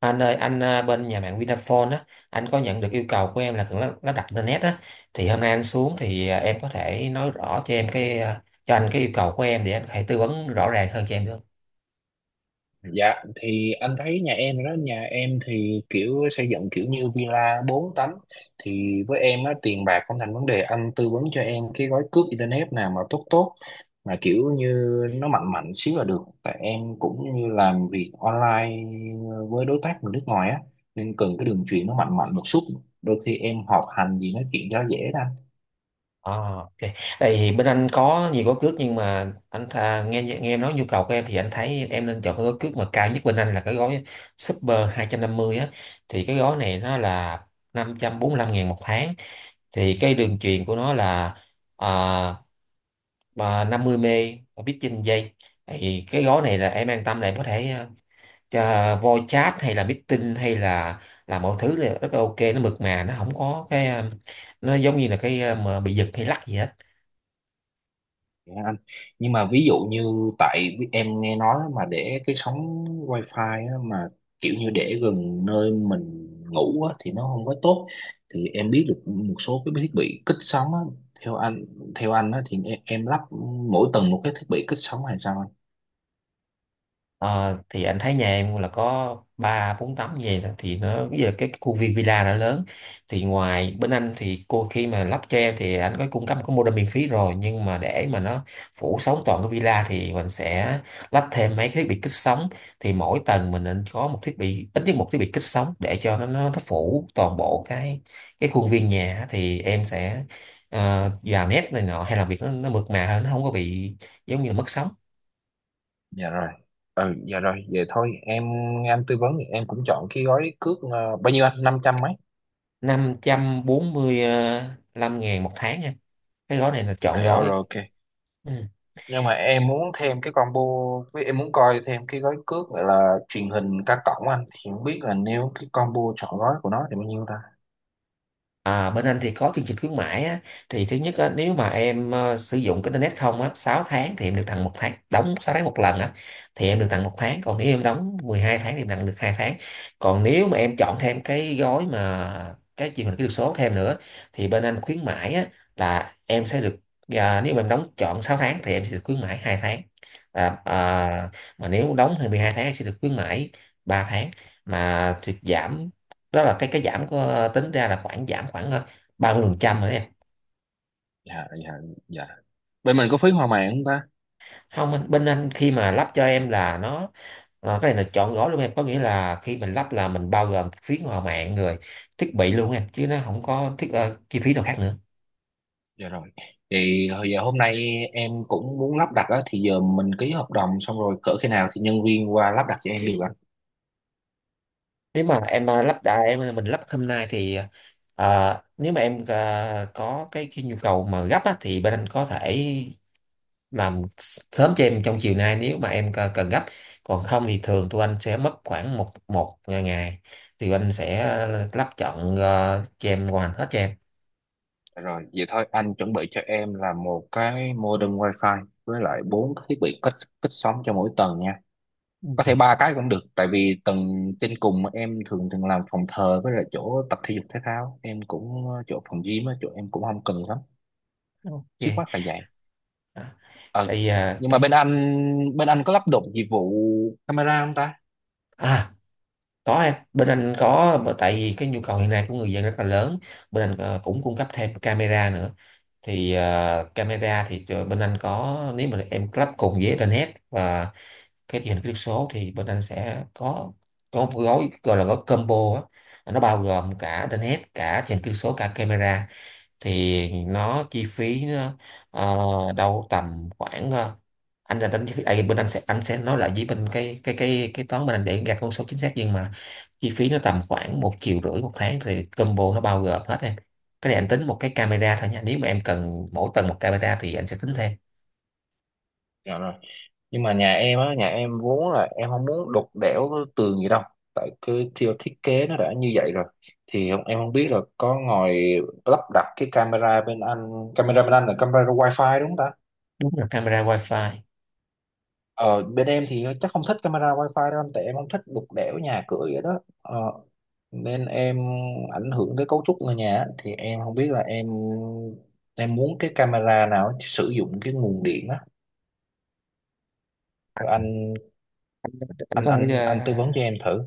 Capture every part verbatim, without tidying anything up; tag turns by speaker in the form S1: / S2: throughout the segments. S1: Anh ơi, anh à, bên nhà mạng Vinaphone á, anh có nhận được yêu cầu của em là cần lắp lắp đặt internet á, thì hôm nay anh xuống thì à, em có thể nói rõ cho em cái à, cho anh cái yêu cầu của em để anh có thể tư vấn rõ ràng hơn cho em được không?
S2: Dạ, thì anh thấy nhà em đó nhà em thì kiểu xây dựng kiểu như villa bốn tấm. Thì với em á, tiền bạc không thành vấn đề, anh tư vấn cho em cái gói cước internet nào mà tốt tốt, mà kiểu như nó mạnh mạnh xíu là được, tại em cũng như làm việc online với đối tác người nước ngoài á, nên cần cái đường truyền nó mạnh mạnh một chút, đôi khi em họp hành gì nói chuyện cho dễ đó.
S1: À, ok. Tại vì bên anh có nhiều gói cước nhưng mà anh tha, nghe nghe em nói nhu cầu của em thì anh thấy em nên chọn cái gói cước mà cao nhất bên anh là cái gói Super hai trăm năm mươi á, thì cái gói này nó là năm trăm bốn mươi lăm ngàn một tháng. Thì cái đường truyền của nó là à, mà năm mươi mê và biết trên giây, thì cái gói này là em an tâm là em có thể ờ, cho voice chat hay là meeting hay là là mọi thứ là rất là ok, nó mượt mà, nó không có cái ờ, nó giống như là cái ờ, mà bị giật hay lắc gì hết.
S2: Dạ anh. Nhưng mà ví dụ như tại vì em nghe nói mà để cái sóng wifi á, mà kiểu như để gần nơi mình ngủ á, thì nó không có tốt, thì em biết được một số cái thiết bị kích sóng á, theo anh theo anh á, thì em, em lắp mỗi tầng một cái thiết bị kích sóng hay sao anh?
S1: Ờ, thì anh thấy nhà em là có ba bốn tấm như vậy đó, thì nó bây giờ cái khu viên villa đã lớn, thì ngoài bên anh thì cô khi mà lắp cho em thì anh có cung cấp có modem miễn phí rồi, nhưng mà để mà nó phủ sóng toàn cái villa thì mình sẽ lắp thêm mấy cái thiết bị kích sóng. Thì mỗi tầng mình nên có một thiết bị, ít nhất một thiết bị kích sóng để cho nó nó, nó phủ toàn bộ cái cái khuôn viên nhà á. Thì em sẽ ờ, vào nét này nọ hay làm việc nó, nó mượt mà hơn, nó không có bị giống như là mất sóng.
S2: Dạ rồi. Ừ, dạ rồi, vậy thôi em nghe anh tư vấn thì em cũng chọn cái gói cước ờ, bao nhiêu anh? Năm trăm mấy?
S1: năm trăm bốn mươi lăm ngàn một tháng em, cái gói này là chọn
S2: À,
S1: gói.
S2: rồi ok.
S1: Ừ.
S2: Nhưng mà em muốn thêm cái combo, với em muốn coi thêm cái gói cước gọi là truyền hình cá cổng anh, thì không biết là nếu cái combo chọn gói của nó thì bao nhiêu ta?
S1: À, bên anh thì có chương trình khuyến mãi á, thì thứ nhất á, nếu mà em ờ, sử dụng cái internet không á sáu tháng thì em được tặng một tháng, đóng sáu tháng một lần á thì em được tặng một tháng, còn nếu em đóng mười hai tháng thì em tặng được hai tháng. Còn nếu mà em chọn thêm cái gói mà cái truyền hình kỹ thuật số thêm nữa thì bên anh khuyến mãi á, là em sẽ được à, nếu mà em đóng chọn sáu tháng thì em sẽ được khuyến mãi hai tháng, à, à, mà nếu đóng thì mười hai tháng em sẽ được khuyến mãi ba tháng. Mà thì giảm đó là cái cái giảm của, tính ra là khoảng giảm khoảng ờ, ba mươi phần trăm rồi đó em.
S2: Dạ, dạ, dạ, bên mình có phí hòa mạng không ta?
S1: Không anh- Bên anh khi mà lắp cho em là nó ờ, cái này là chọn gói luôn em, có nghĩa là khi mình lắp là mình bao gồm phí hòa mạng rồi, thiết bị luôn em, chứ nó không có thiết ờ, chi phí nào khác nữa.
S2: Dạ rồi, thì hồi giờ hôm nay em cũng muốn lắp đặt á, thì giờ mình ký hợp đồng xong rồi, cỡ khi nào thì nhân viên qua lắp đặt cho em được anh?
S1: Nếu mà em ờ, lắp đã em ờ, mình lắp hôm nay thì ờ, ờ, nếu mà em ờ, có cái, cái nhu cầu mà gấp á, thì bên anh có thể làm sớm cho em trong chiều nay nếu mà em c- cần gấp. Còn không thì thường tụi anh sẽ mất khoảng một một ngày thì anh sẽ ờ, lắp chọn ờ, cho em hoàn hết cho em.
S2: Dạ rồi, vậy thôi anh chuẩn bị cho em là một cái modem wifi với lại bốn cái thiết bị kết kết sóng cho mỗi tầng nha.
S1: Ừ.
S2: Có thể ba cái cũng được, tại vì tầng trên cùng mà em thường thường làm phòng thờ với lại chỗ tập thể dục thể thao, em cũng ờ, chỗ phòng gym á, chỗ em cũng không cần lắm. Trước
S1: Ok.
S2: mắt là vậy.
S1: Đó.
S2: ờ
S1: Thì à,
S2: nhưng mà bên
S1: cái
S2: anh bên anh có lắp đặt dịch vụ camera không ta?
S1: À, có em, bên anh có bởi- tại vì cái nhu cầu hiện nay của người dân rất là lớn, bên anh ờ, cũng cung cấp thêm camera nữa. Thì ờ, camera thì cho- bên anh có, nếu mà em lắp cùng với internet và cái truyền hình kỹ thuật số thì bên anh sẽ có có một gói gọi là gói combo á, nó bao gồm cả internet, cả truyền hình kỹ thuật số, cả camera. Thì nó chi phí nó, ờ, đâu tầm khoảng ờ, anh là tính chi phí à, bên anh sẽ, anh sẽ nói lại với bên cái cái cái cái toán bên anh để gạt con số chính xác, nhưng mà chi phí nó tầm khoảng một triệu rưỡi một tháng, thì combo nó bao gồm hết em. Cái này anh tính một cái camera thôi nha, nếu mà em cần mỗi tầng một camera thì anh sẽ tính thêm.
S2: Dạ rồi, nhưng mà nhà em á, nhà em vốn là em không muốn đục đẽo cái tường gì đâu, tại cái theo thiết kế nó đã như vậy rồi, thì không- em không biết là có ngồi lắp đặt cái camera bên anh camera bên anh là camera wifi đúng không ta?
S1: Đúng là camera wifi.
S2: Ờ, bên em thì chắc không thích camera wifi đâu anh, tại em không thích đục đẽo nhà cửa vậy đó, ờ, nên em ảnh hưởng tới cấu trúc người nhà á. Thì em không biết là em em muốn cái camera nào sử dụng cái nguồn điện á cho
S1: anh,
S2: anh,
S1: anh
S2: anh
S1: có thể
S2: anh anh tư vấn cho
S1: ờ,
S2: em thử.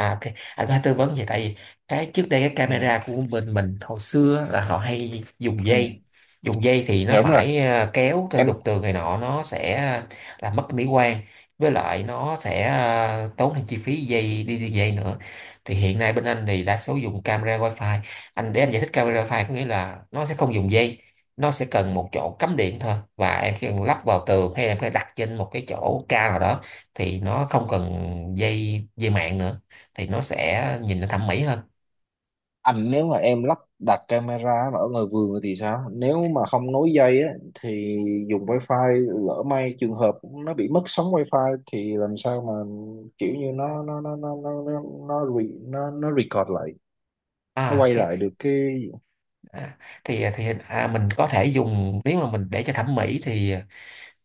S1: à, ok, anh có thể tư vấn vậy. Tại vì cái trước đây cái
S2: Ừ,
S1: camera của bên mình hồi xưa là họ hay dùng
S2: ừ.
S1: dây. Dùng dây thì nó
S2: Dạ, đúng rồi
S1: phải ờ, kéo cho
S2: em.
S1: đục tường này nọ, nó sẽ ờ, làm mất mỹ quan, với lại nó sẽ ờ, tốn thêm chi phí dây, đi đi dây nữa. Thì hiện nay bên anh thì đa số dùng camera wifi. Anh để anh giải thích, camera wifi có nghĩa là nó sẽ không dùng dây, nó sẽ cần một chỗ cắm điện thôi, và em chỉ cần lắp vào tường hay em phải đặt trên một cái chỗ cao nào đó, thì nó không cần dây dây mạng nữa, thì nó sẽ nhìn nó thẩm mỹ hơn.
S2: Anh, nếu mà em lắp đặt camera mà ở ngoài vườn thì sao? Nếu mà không nối dây á thì dùng wifi, lỡ may trường hợp nó bị mất sóng wifi thì làm sao mà kiểu như nó nó nó nó nó nó nó, re, nó, nó record lại, nó
S1: À
S2: quay
S1: ok.
S2: lại được cái...
S1: à, thì à, thì à, mình có thể dùng, nếu mà mình để cho thẩm mỹ thì à,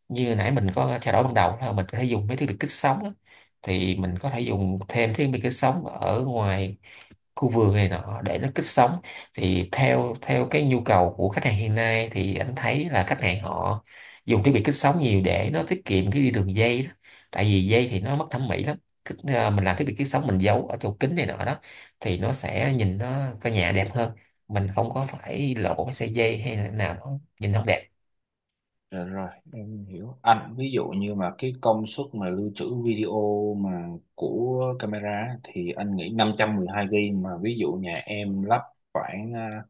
S1: như nãy mình có trao đổi ban đầu là mình có thể dùng mấy thiết bị kích sóng á. Thì mình có thể dùng thêm thiết bị kích sóng ở ngoài khu vườn này nọ để nó kích sống. Thì theo theo cái nhu cầu của khách hàng hiện nay thì anh thấy là khách hàng họ dùng thiết bị kích sống nhiều để nó tiết kiệm cái đi đường dây đó, tại vì dây thì nó mất thẩm mỹ lắm. Kích- à, mình làm thiết bị kích sống mình giấu ở chỗ kính này nọ đó, thì nó sẽ nhìn nó căn nhà đẹp hơn, mình không có phải lộ cái sợi dây hay là nào nó nhìn không đẹp.
S2: Dạ rồi, em hiểu. Anh ví dụ như mà cái công suất mà lưu trữ video mà của camera á, thì anh nghĩ năm trăm mười hai gi ga bai mà ví dụ nhà em lắp khoảng à,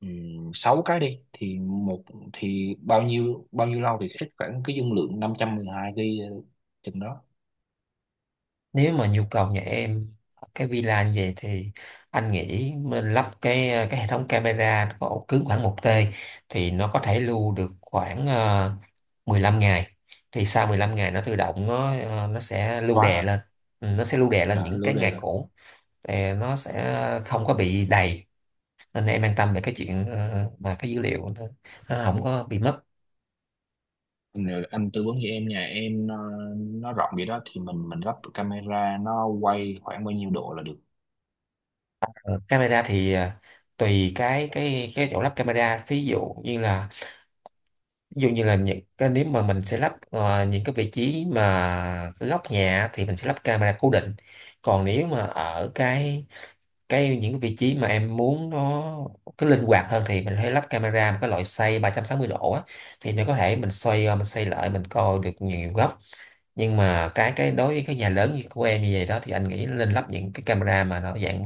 S2: ừm, sáu cái đi, thì một thì bao nhiêu bao nhiêu lâu thì hết khoảng cái dung lượng năm trăm mười hai gi ga bai chừng đó,
S1: Nếu mà nhu cầu nhà em ở cái villa như vậy thì anh nghĩ mình lắp cái cái hệ thống camera có ổ cứng khoảng một tê, thì nó có thể lưu được khoảng ờ, mười lăm ngày, thì sau mười lăm ngày nó tự động nó ờ, nó sẽ lưu
S2: quá
S1: đè
S2: à.
S1: lên. Ừ, nó sẽ lưu đè lên
S2: Dạ,
S1: những
S2: lưu
S1: cái
S2: đề
S1: ngày
S2: là...
S1: cũ, thì nó sẽ không có bị đầy, nên em an tâm về cái chuyện ờ, mà cái dữ liệu nó nó không có bị mất.
S2: Nếu anh tư vấn cho em, nhà em nó, nó rộng vậy đó thì mình mình lắp camera nó quay khoảng bao nhiêu độ là được.
S1: Camera thì ờ, tùy cái cái cái chỗ lắp camera, ví dụ như là ví dụ như là những cái, nếu mà mình sẽ lắp ờ, những cái vị trí mà góc nhà thì mình sẽ lắp camera cố định. Còn nếu mà ở cái cái những cái vị trí mà em muốn nó cái linh hoạt hơn thì mình hãy lắp camera một cái loại xoay ba trăm sáu mươi độ á, thì mình có thể mình xoay ờ, mình xoay lại mình coi được nhiều góc. Nhưng mà cái cái đối với cái nhà lớn như của em như vậy đó thì anh nghĩ nên lắp những cái camera mà nó dạng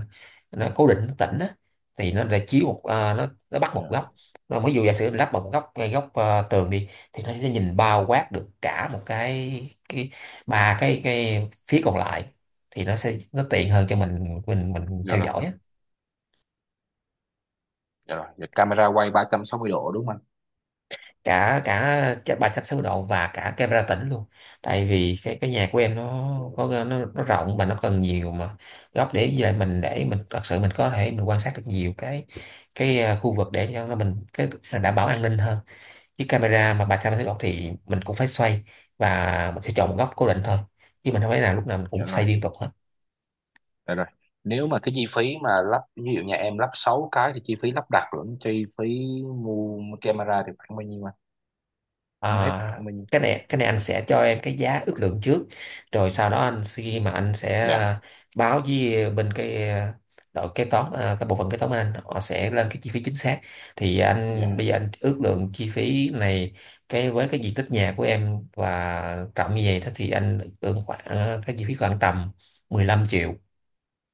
S1: nó cố định, nó tĩnh á, thì nó để chiếu một à, nó nó bắt một
S2: Dạ.
S1: góc. Nó ví dụ giả sử mình lắp một góc ngay góc à, tường đi, thì nó sẽ nhìn bao quát được cả một cái cái ba cái cái phía còn lại, thì nó sẽ nó tiện hơn cho mình mình mình
S2: Dạ
S1: theo
S2: rồi.
S1: dõi á.
S2: Dạ rồi, dạ, camera quay ba trăm sáu mươi độ đúng không anh?
S1: Cả cả ch- ba trăm sáu mươi độ và cả camera tĩnh luôn, tại vì cái cái nhà của em nó
S2: Dạ rồi.
S1: có nó, nó rộng mà nó cần nhiều mà góc để, với lại mình để mình thật sự mình có thể mình quan sát được nhiều cái cái à, khu vực để cho nó mình cái ờ, đảm bảo an ninh hơn. Chứ camera mà ba trăm sáu mươi độ thì mình cũng phải xoay và mình sẽ chọn một góc cố định thôi, chứ mình không phải là lúc nào mình
S2: Dạ
S1: cũng
S2: rồi,
S1: xoay liên tục hết.
S2: dạ rồi. Nếu mà cái chi phí mà lắp, ví dụ nhà em lắp sáu cái thì chi phí lắp đặt lẫn chi phí mua camera thì khoảng bao nhiêu anh? Không, hết
S1: À,
S2: khoảng bao nhiêu?
S1: cái này cái này anh sẽ cho em cái giá ước lượng trước, rồi sau đó anh khi mà anh sẽ ờ,
S2: Dạ,
S1: báo với bên cái ờ, đội kế toán, ờ, cái bộ phận kế toán bên anh họ sẽ lên cái chi phí chính xác. Thì anh bây
S2: dạ,
S1: giờ anh ước lượng chi phí này, cái với cái diện tích nhà của em và rộng như vậy đó thì anh ước lượng khoảng ờ, cái chi phí khoảng tầm mười lăm triệu,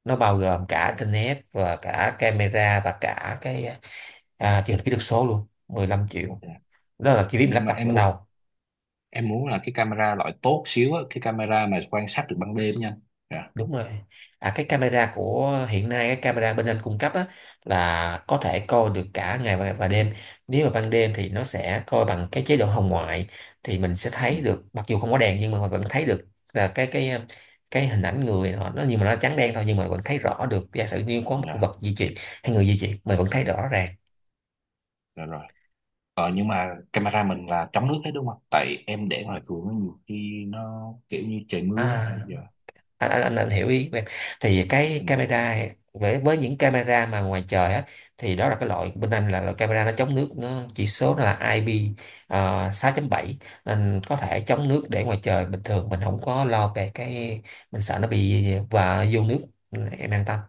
S1: nó bao gồm cả internet và cả camera và cả cái ờ, à, truyền hình kỹ thuật số luôn, mười lăm triệu.
S2: dạ.
S1: Đó là chi phí mình
S2: Nhưng
S1: lắp
S2: mà
S1: đặt
S2: em
S1: ban
S2: muốn
S1: đầu.
S2: em muốn là cái camera loại tốt xíu á, cái camera mà quan sát được ban đêm nha anh. Dạ.
S1: Đúng rồi. À, cái camera của hiện nay cái camera bên anh cung cấp á, là có thể coi được cả ngày và, và đêm. Nếu mà ban đêm thì nó sẽ coi bằng cái chế độ hồng ngoại, thì mình sẽ
S2: Ừ,
S1: thấy được mặc dù không có đèn nhưng mà vẫn thấy được là cái cái cái hình ảnh người họ nó, nhưng mà nó trắng đen thôi, nhưng mà vẫn thấy rõ được. Giả sử như có một
S2: dạ,
S1: vật di chuyển hay người di chuyển mình vẫn thấy rõ ràng.
S2: dạ rồi. Ờ nhưng mà camera mình là chống nước hết đúng không? Tại em để ngoài cửa nhiều khi nó kiểu như trời
S1: À,
S2: mưa á. Dạ.
S1: anh anh anh, anh hiểu ý của em. Thì cái
S2: Ừ,
S1: camera, với với những camera mà ngoài trời á, thì đó là cái loại bên anh là loại camera nó chống nước, nó chỉ số nó là i pê uh, sáu chấm bảy, nên có thể chống nước để ngoài trời bình thường, mình không có lo về cái mình sợ nó bị và vô nước, em an tâm.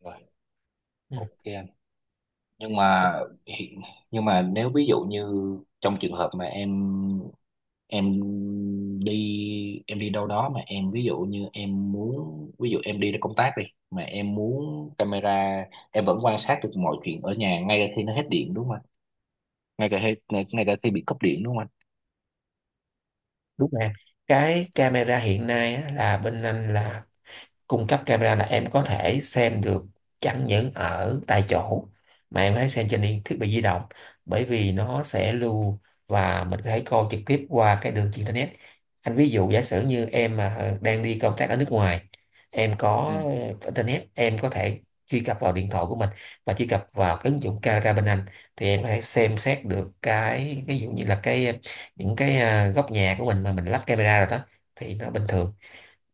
S2: rồi.
S1: Ừ,
S2: Ok, nhưng mà hiện- nhưng mà nếu ví dụ như trong trường hợp mà em em đi em đi đâu đó, mà em ví dụ như em muốn, ví dụ em đi ra công tác đi, mà em muốn camera em vẫn quan sát được mọi chuyện ở nhà ngay cả khi nó hết điện đúng không anh, ngay cả khi ngay, ngay cả khi bị cúp điện đúng không anh?
S1: đúng rồi em. Cái camera hiện nay á, là bên anh là cung cấp camera là em có thể xem được chẳng những ở tại chỗ mà em hãy xem trên điện- thiết bị di động, bởi vì nó sẽ lưu và mình có thể coi trực tiếp qua cái đường internet. Anh ví dụ giả sử như em mà đang đi công tác ở nước ngoài, em
S2: Ừ.
S1: có ờ, internet, em có thể truy cập vào điện thoại của mình và truy cập vào cái ứng dụng camera bên anh, thì em có thể xem xét được cái ví dụ như là cái những cái à, góc nhà của mình mà mình lắp camera rồi đó, thì nó bình thường.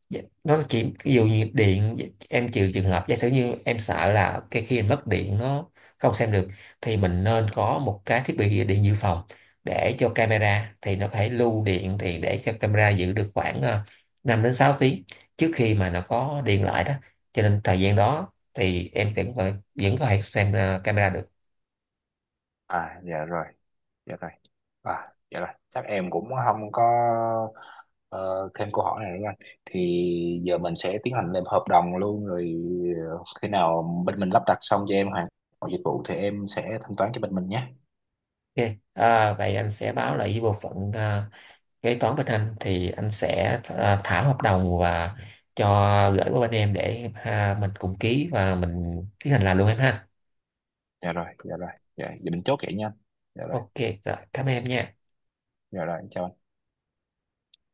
S1: Dạ, đó là chỉ ví dụ như điện, dạ, em chịu trường hợp giả sử như em sợ là cái khi mình mất điện nó không xem được, thì mình nên có một cái thiết bị điện dự phòng để cho camera, thì nó có thể lưu điện thì để cho camera giữ được khoảng ờ, năm đến sáu tiếng trước khi mà nó có điện lại đó, cho nên thời gian đó thì em vẫn vẫn có thể xem ờ, camera được.
S2: À, dạ rồi. Dạ rồi à, dạ rồi, chắc em cũng không có ờ, thêm câu hỏi này nữa anh. Thì giờ mình sẽ tiến hành làm hợp đồng luôn rồi, ờ, khi nào bên mình lắp đặt xong cho em hoàn mọi dịch vụ thì em sẽ thanh toán cho bên mình nhé.
S1: Ok, à, vậy anh sẽ báo lại với bộ phận ờ, kế toán bên anh, thì anh sẽ à, thả hợp đồng và cho gửi qua bên em để ha, mình cùng ký và mình tiến hành làm luôn em ha.
S2: Dạ rồi, dạ rồi. Dạ giờ mình chốt vậy nha. Dạ rồi.
S1: Ok, rồi cảm ơn em nha.
S2: Dạ rồi, em chào anh.